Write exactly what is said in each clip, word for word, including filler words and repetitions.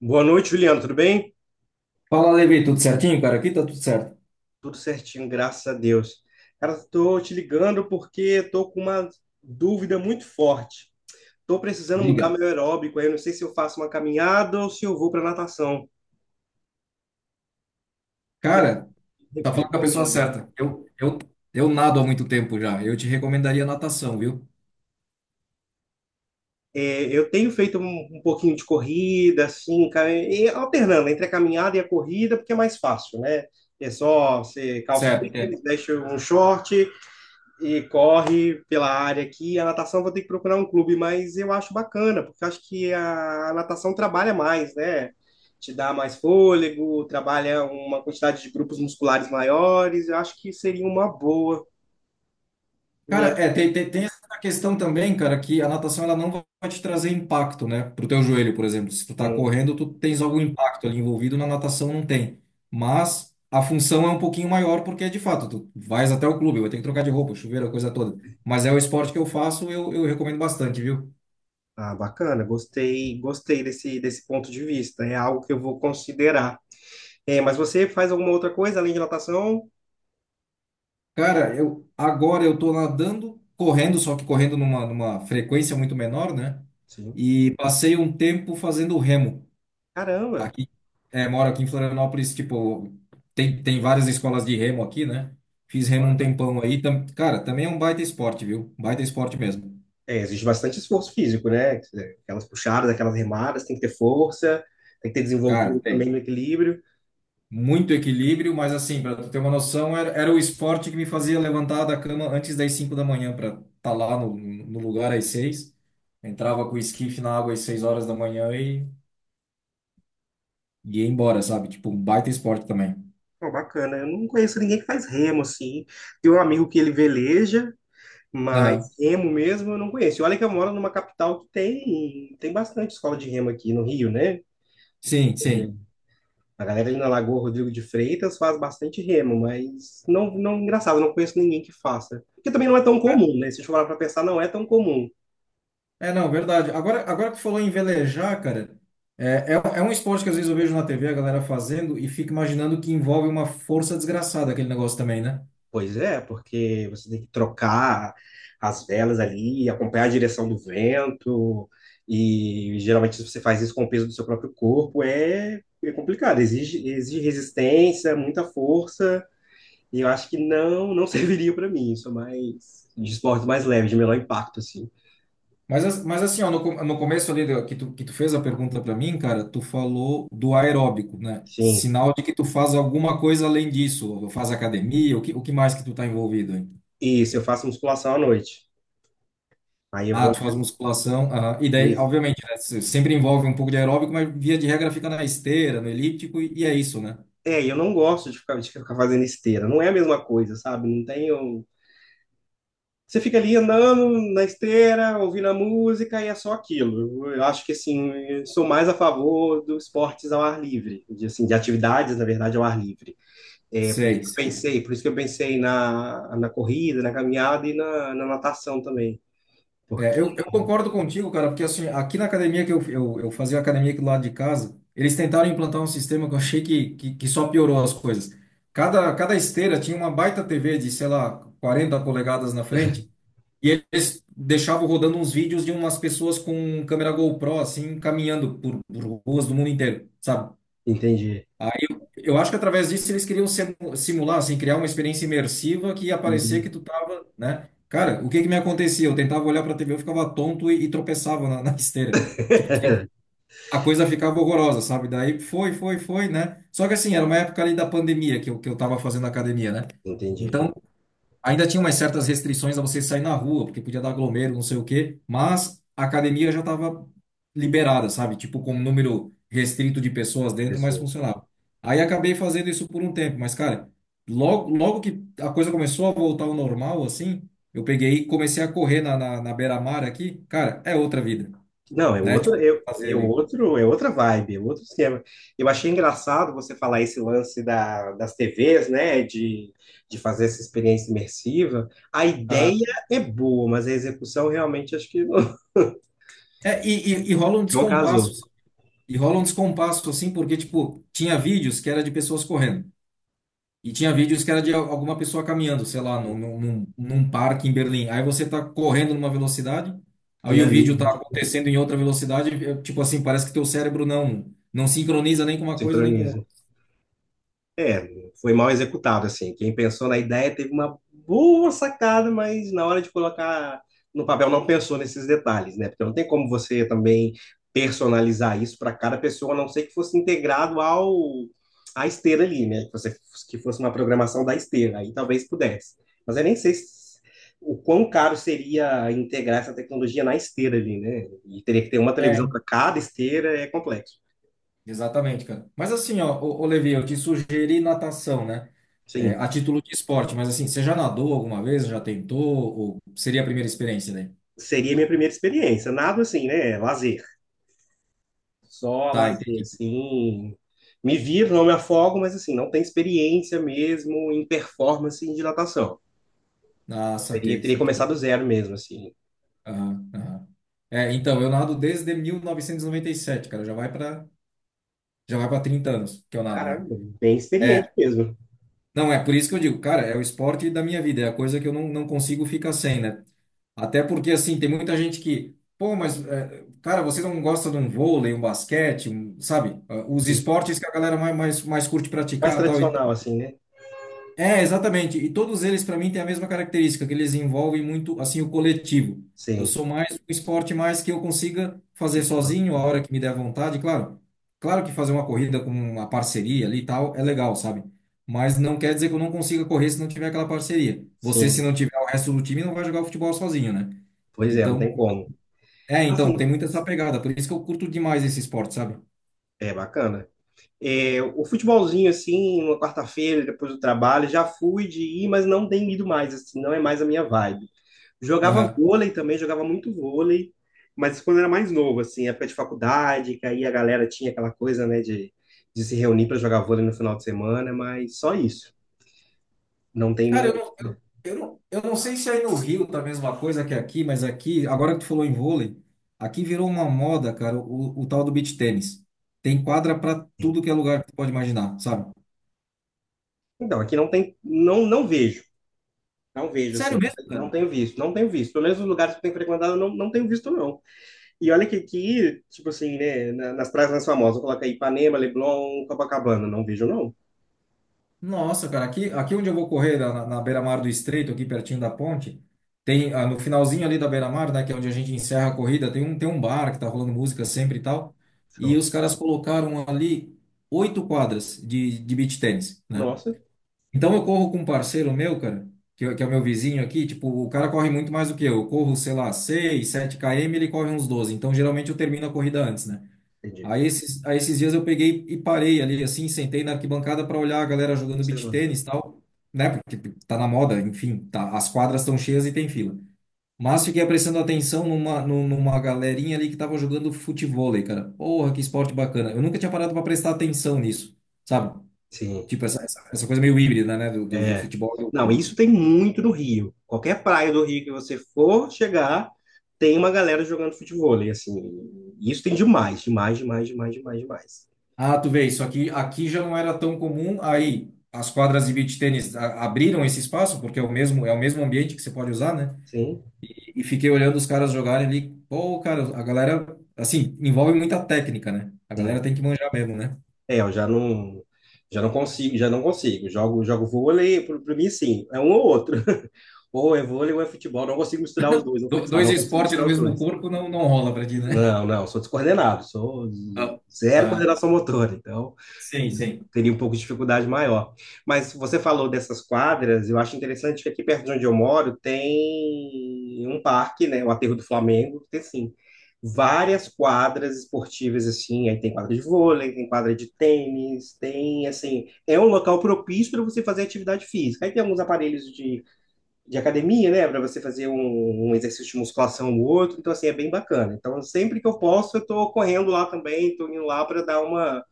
Boa noite, Juliano. Tudo bem? Fala, Levi, tudo certinho, cara? Aqui tá tudo certo. Tudo certinho, graças a Deus. Cara, estou te ligando porque estou com uma dúvida muito forte. Estou precisando mudar Diga. meu aeróbico. Aí eu não sei se eu faço uma caminhada ou se eu vou para natação. O que Cara, que tá re- falando com a pessoa recomenda? certa. Eu, eu, eu nado há muito tempo já. Eu te recomendaria natação, viu? É, eu tenho feito um, um pouquinho de corrida, assim, ca- e alternando entre a caminhada e a corrida, porque é mais fácil, né? É só você calça o Certo, tênis, entendo. deixa um short e corre pela área aqui. A natação eu vou ter que procurar um clube, mas eu acho bacana, porque eu acho que a natação trabalha mais, né? Te dá mais fôlego, trabalha uma quantidade de grupos musculares maiores. Eu acho que seria uma boa Cara, mesmo. é, tem, tem, tem essa questão também, cara, que a natação ela não vai te trazer impacto, né? Pro teu joelho, por exemplo. Se tu tá correndo, tu tens algum impacto ali envolvido, na natação não tem. Mas a função é um pouquinho maior, porque de fato, tu vais até o clube, vai ter que trocar de roupa, chuveiro, a coisa toda. Mas é o esporte que eu faço, eu, eu recomendo bastante, viu? Ah, bacana, gostei, gostei desse, desse ponto de vista. É algo que eu vou considerar. É, mas você faz alguma outra coisa além de natação? Cara, eu agora eu tô nadando, correndo, só que correndo numa, numa, frequência muito menor, né? Sim. E passei um tempo fazendo remo. Caramba! Aqui, é, moro aqui em Florianópolis, tipo, tem, tem várias escolas de remo aqui, né? Fiz remo um tempão aí. tam- cara, também é um baita esporte, viu? Baita esporte mesmo. É, exige bastante esforço físico, né? Aquelas puxadas, aquelas remadas, tem que ter força, tem que ter Cara, desenvoltura tem também no equilíbrio. muito equilíbrio, mas assim, para tu ter uma noção, era, era o esporte que me fazia levantar da cama antes das cinco da manhã para estar tá lá no, no lugar às seis. Entrava com o esquife na água às seis horas da manhã e, e ia embora, sabe? Tipo, um baita esporte também. Pô, bacana. Eu não conheço ninguém que faz remo, assim. Tem um amigo que ele veleja, mas Aham. remo mesmo eu não conheço. E olha que eu moro numa capital que tem, tem bastante escola de remo aqui no Rio, né? Sim, sim. A galera ali na Lagoa Rodrigo de Freitas faz bastante remo, mas não, não, engraçado, eu não conheço ninguém que faça. Porque também não é tão comum, né? Se a gente for parar pra pensar, não é tão comum. É, não, verdade. Agora, agora que tu falou em velejar, cara, é, é, é um esporte que às vezes eu vejo na T V a galera fazendo e fico imaginando que envolve uma força desgraçada aquele negócio também, né? Pois é, porque você tem que trocar as velas ali, acompanhar a direção do vento, e geralmente se você faz isso com o peso do seu próprio corpo, é, é complicado, exige, exige resistência, muita força, e eu acho que não não serviria para mim, isso é mais de esporte mais leve, de menor impacto, assim. Mas, as- mas assim, ó, no, com- no começo ali do- que tu, que tu fez a pergunta para mim, cara, tu falou do aeróbico, né? Sim, Sinal de que tu faz alguma coisa além disso. Ou faz academia, o que, o que mais que tu tá envolvido aí? isso, eu faço musculação à noite, aí eu Ah, vou... tu faz musculação, aham. E daí, Isso. obviamente, né, se- sempre envolve um pouco de aeróbico, mas via de regra fica na esteira, no elíptico, e, e é isso, né? É, e eu não gosto de ficar, de ficar fazendo esteira, não é a mesma coisa, sabe? Não tenho. Você fica ali andando na esteira, ouvindo a música e é só aquilo. Eu acho que assim, eu sou mais a favor dos esportes ao ar livre, de, assim, de atividades, na verdade, ao ar livre. É por isso Sei, que eu sei. pensei, por isso que eu pensei na, na corrida, na caminhada e na, na natação também. É, Porque, eu, eu concordo contigo, cara, porque assim, aqui na academia que eu, eu, eu fazia academia aqui do lado de casa, eles tentaram implantar um sistema que eu achei que, que, que só piorou as coisas. Cada, cada esteira tinha uma baita T V de, sei lá, quarenta polegadas na frente, e eles deixavam rodando uns vídeos de umas pessoas com câmera GoPro, assim, caminhando por, por, ruas do mundo inteiro, sabe? entendi, Aí eu eu acho que através disso eles queriam simu- simular, assim, criar uma experiência imersiva que ia parecer que entendi, tu tava, né? Cara, o que que me acontecia? Eu tentava olhar pra T V, eu ficava tonto e, e tropeçava na, na, esteira. Tipo assim, a coisa ficava horrorosa, sabe? Daí foi, foi, foi, né? Só que assim, era uma época ali da pandemia que eu, que eu tava fazendo academia, né? entendi. Então, ainda tinha umas certas restrições a você sair na rua, porque podia dar aglomero, não sei o quê, mas a academia já estava liberada, sabe? Tipo, com um número restrito de pessoas dentro, mas Pessoa. funcionava. Aí acabei fazendo isso por um tempo, mas, cara, logo, logo que a coisa começou a voltar ao normal, assim, eu peguei e comecei a correr na, na, na beira-mar aqui, cara, é outra vida, Não, é né? outra, Tipo, é, fazer é ali. outro, é outra vibe, é outro esquema. Eu achei engraçado você falar esse lance da, das T Vs, né, de, de fazer essa experiência imersiva. A Aham. ideia é boa, mas a execução realmente acho que não, É, e, e, e rola um não descompasso, casou. e rola um descompasso, assim, porque, tipo, tinha vídeos que era de pessoas correndo. E tinha vídeos que era de al- alguma pessoa caminhando, sei lá, num, num, num num parque em Berlim. Aí você tá correndo numa velocidade, E aí o ali vídeo tá a gente acontecendo em outra velocidade, é, tipo assim, parece que teu cérebro não não sincroniza nem com uma coisa nem com sincroniza. outra. É, foi mal executado, assim. Quem pensou na ideia teve uma boa sacada, mas na hora de colocar no papel não pensou nesses detalhes, né? Porque não tem como você também personalizar isso para cada pessoa, a não ser que fosse integrado ao à esteira ali, né? Que você que fosse uma programação da esteira, aí talvez pudesse. Mas eu nem sei se- o quão caro seria integrar essa tecnologia na esteira ali, né? E teria que ter uma televisão É, para cada esteira, é complexo. exatamente, cara. Mas assim, ó, ô, ô Levi, eu te sugeri natação, né? É, Sim, a título de esporte, mas assim, você já nadou alguma vez? Já tentou? Ou seria a primeira experiência daí? seria minha primeira experiência. Nada assim, né? Lazer. Só Tá, lazer, entendi. assim. Me viro, não me afogo, mas assim, não tem experiência mesmo em performance em dilatação. Ah, Teria, saquei, teria saquei. começado do zero mesmo, assim. Aham, aham. É, então, eu nado desde mil novecentos e e noventa e sete, cara, já vai para. Já vai para trinta anos que eu nado, né? Caramba, bem experiente É. mesmo. Não, é por isso que eu digo, cara, é o esporte da minha vida, é a coisa que eu não, não consigo ficar sem, né? Até porque, assim, tem muita gente que, pô, mas, é, cara, você não gosta de um vôlei, um basquete, um- sabe? Ah, os Sim. esportes que a galera mais, mais, mais curte Mais praticar tal. E tradicional, assim, né? é, exatamente. E todos eles, para mim, têm a mesma característica, que eles envolvem muito, assim, o coletivo. Eu Sim. sou mais um esporte mais que eu consiga fazer Tipo, sozinho, a hora que me der vontade, claro. Claro que fazer uma corrida com uma parceria ali e tal é legal, sabe? Mas não quer dizer que eu não consiga correr se não tiver aquela parceria. Você, se sim, não tiver o resto do time, não vai jogar futebol sozinho, né? pois é, não tem Então, como. é, então, Assim, tem muito essa pegada. Por isso que eu curto demais esse esporte, sabe? é bacana. É, o futebolzinho, assim, uma quarta-feira, depois do trabalho, já fui de ir, mas não tenho ido mais, assim, não é mais a minha vibe. Jogava Aham. vôlei também, jogava muito vôlei, mas quando era mais novo, assim, época de faculdade, que aí a galera tinha aquela coisa, né, de, de se reunir para jogar vôlei no final de semana, mas só isso. Não tem Cara, eu nenhum. não, eu, eu não, eu não sei se aí no Rio tá a mesma coisa que aqui, mas aqui, agora que tu falou em vôlei, aqui virou uma moda, cara, o, o tal do beach tênis. Tem quadra pra tudo que é lugar que tu pode imaginar, sabe? Então, aqui não tem. Não, não vejo. Não vejo, Sério assim. mesmo, Não cara? tenho visto. Não tenho visto. Pelo menos os lugares que eu tenho frequentado, eu não, não tenho visto, não. E olha que aqui, tipo assim, né, na- nas praias mais famosas, coloca aí Ipanema, Leblon, Copacabana. Não vejo, não. Nossa, cara, aqui, aqui onde eu vou correr, na, na, beira-mar do Estreito, aqui pertinho da ponte, tem, ah, no finalzinho ali da beira-mar, né, que é onde a gente encerra a corrida, tem um, tem um, bar que tá rolando música sempre e tal, e Show. os caras colocaram ali oito quadras de, de beach tênis, né? Nossa, Então eu corro com um parceiro meu, cara, que, é- que é o meu vizinho aqui, tipo, o cara corre muito mais do que eu. Eu corro, sei lá, seis, sete quilômetros, ele corre uns doze. Então geralmente eu termino a corrida antes, né? entendi. Aí esses, aí esses dias eu peguei e parei ali, assim, sentei na arquibancada para olhar a galera jogando beach Observando. tênis e tal, né? Porque tá na moda, enfim, tá, as quadras estão cheias e tem fila. Mas fiquei prestando atenção numa, num- numa galerinha ali que tava jogando futevôlei, cara. Porra, que esporte bacana. Eu nunca tinha parado para prestar atenção nisso, sabe? Sim. Tipo, essa, essa, essa coisa meio híbrida, né? Do, do, do É. futebol e do Não, vôlei. isso tem muito no Rio. Qualquer praia do Rio que você for chegar, tem uma galera jogando futebol. E assim, isso tem demais, demais, demais, demais, demais, demais. Ah, tu vê, isso aqui, aqui, já não era tão comum. Aí, as quadras de beach tênis a- abriram esse espaço, porque é o mesmo, é o mesmo ambiente que você pode usar, né? Sim, E, e fiquei olhando os caras jogarem ali. Pô, cara, a galera, assim, envolve muita técnica, né? A galera né? tem que manjar mesmo, né? É, eu já não, já não consigo, já não consigo. Jogo, jogo vôlei, para mim, sim, é um ou outro. Ou é vôlei ou é futebol. Não consigo misturar os dois, ou Do- futsal, Dois não consigo esportes no misturar os mesmo dois. corpo não, não rola pra ti, né? Não, não, sou descoordenado, sou Ah, zero ah, coordenação motora, então sim, eu sim. teria um pouco de dificuldade maior. Mas você falou dessas quadras, eu acho interessante que aqui perto de onde eu moro tem um parque, né, o Aterro do Flamengo, tem assim, várias quadras esportivas assim, aí tem quadra de vôlei, tem quadra de tênis, tem assim, é um local propício para você fazer atividade física. Aí tem alguns aparelhos de de academia, né? Para você fazer um, um exercício de musculação ou outro. Então, assim, é bem bacana. Então, sempre que eu posso, eu estou correndo lá também, estou indo lá para dar uma,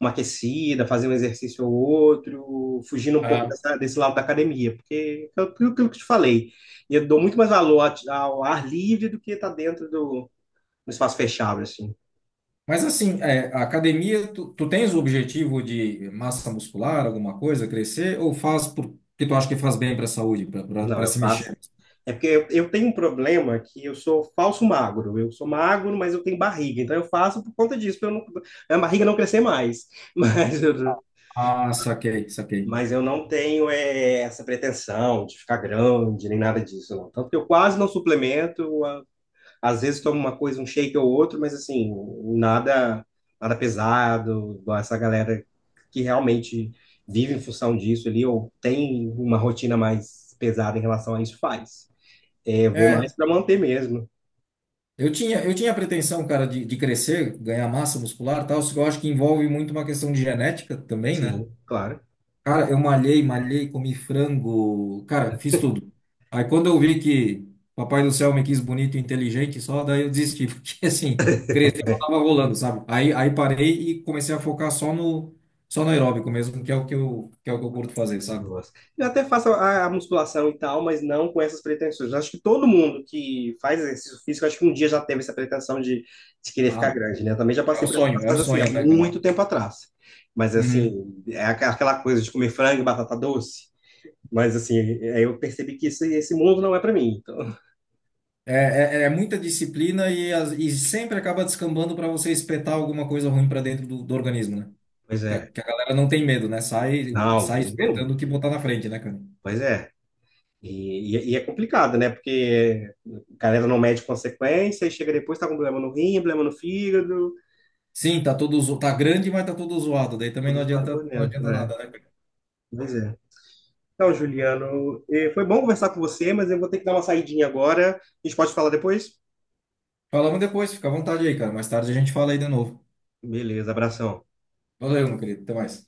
uma aquecida, fazer um exercício ou outro, fugindo um pouco Ah, dessa- desse lado da academia, porque é aquilo que eu te falei. Eu dou muito mais valor a- ao ar livre do que estar dentro do, do espaço fechado, assim. mas assim, é, a academia, tu, tu tens o objetivo de massa muscular, alguma coisa, crescer, ou faz porque tu acha que faz bem para a saúde, Não, para eu se faço. mexer? É porque eu, eu tenho um problema que eu sou falso magro. Eu sou magro, mas eu tenho barriga. Então eu faço por conta disso, para a barriga não crescer mais. Mas eu, Ah, saquei, saquei. mas eu não tenho é, essa pretensão de ficar grande, nem nada disso, não. Tanto que eu quase não suplemento. a- Às vezes tomo uma coisa, um shake ou outro, mas assim, nada, nada pesado, igual essa galera que realmente vive em função disso ali, ou tem uma rotina mais pesada em relação a isso, faz. É, vou mais É, para manter mesmo. eu tinha, eu tinha a pretensão, cara, de, de, crescer, ganhar massa muscular e tal, só que eu acho que envolve muito uma questão de genética também, né? Sim, claro. Cara, eu malhei, malhei, comi frango, cara, fiz tudo. Aí quando eu vi que Papai do Céu me quis bonito e inteligente só, daí eu desisti, porque assim, crescer não É. tava rolando, sabe? Aí, aí parei e comecei a focar só no, só no, aeróbico mesmo, que é o que eu, que é o que eu curto fazer, Eu sabe? gosto. Eu até faço a, a musculação e tal, mas não com essas pretensões. Acho que todo mundo que faz exercício físico, acho que um dia já teve essa pretensão de, de querer ficar Ah, grande, né? Eu também já é passei o por essa sonho, é o fase, mas assim, há sonho, né, cara? muito tempo atrás. Mas Uhum. assim, é aqua- aquela coisa de comer frango e batata doce. Mas assim, aí eu percebi que isso, esse mundo não é para mim. Então, É, é, é muita disciplina e, as- e sempre acaba descambando para você espetar alguma coisa ruim para dentro do, do organismo, né? pois Que a, é. que a galera não tem medo, né? Sai, Não, tem sai nenhum. espetando o que botar na frente, né, cara? Pois é. E, e- e é complicado, né? Porque a galera não mede consequência e chega depois, tá com problema no rim, problema no fígado. Sim, tá todo zo... tá grande, mas tá todo zoado. Daí também não Todos os adianta, por não dentro, adianta é. nada, né, cara? Pois é. Então, Juliano, eh, foi bom conversar com você, mas eu vou ter que dar uma saidinha agora. A gente pode falar depois? Falamos depois, fica à vontade aí, cara. Mais tarde a gente fala aí de novo. Beleza, abração. Valeu, meu querido. Até mais.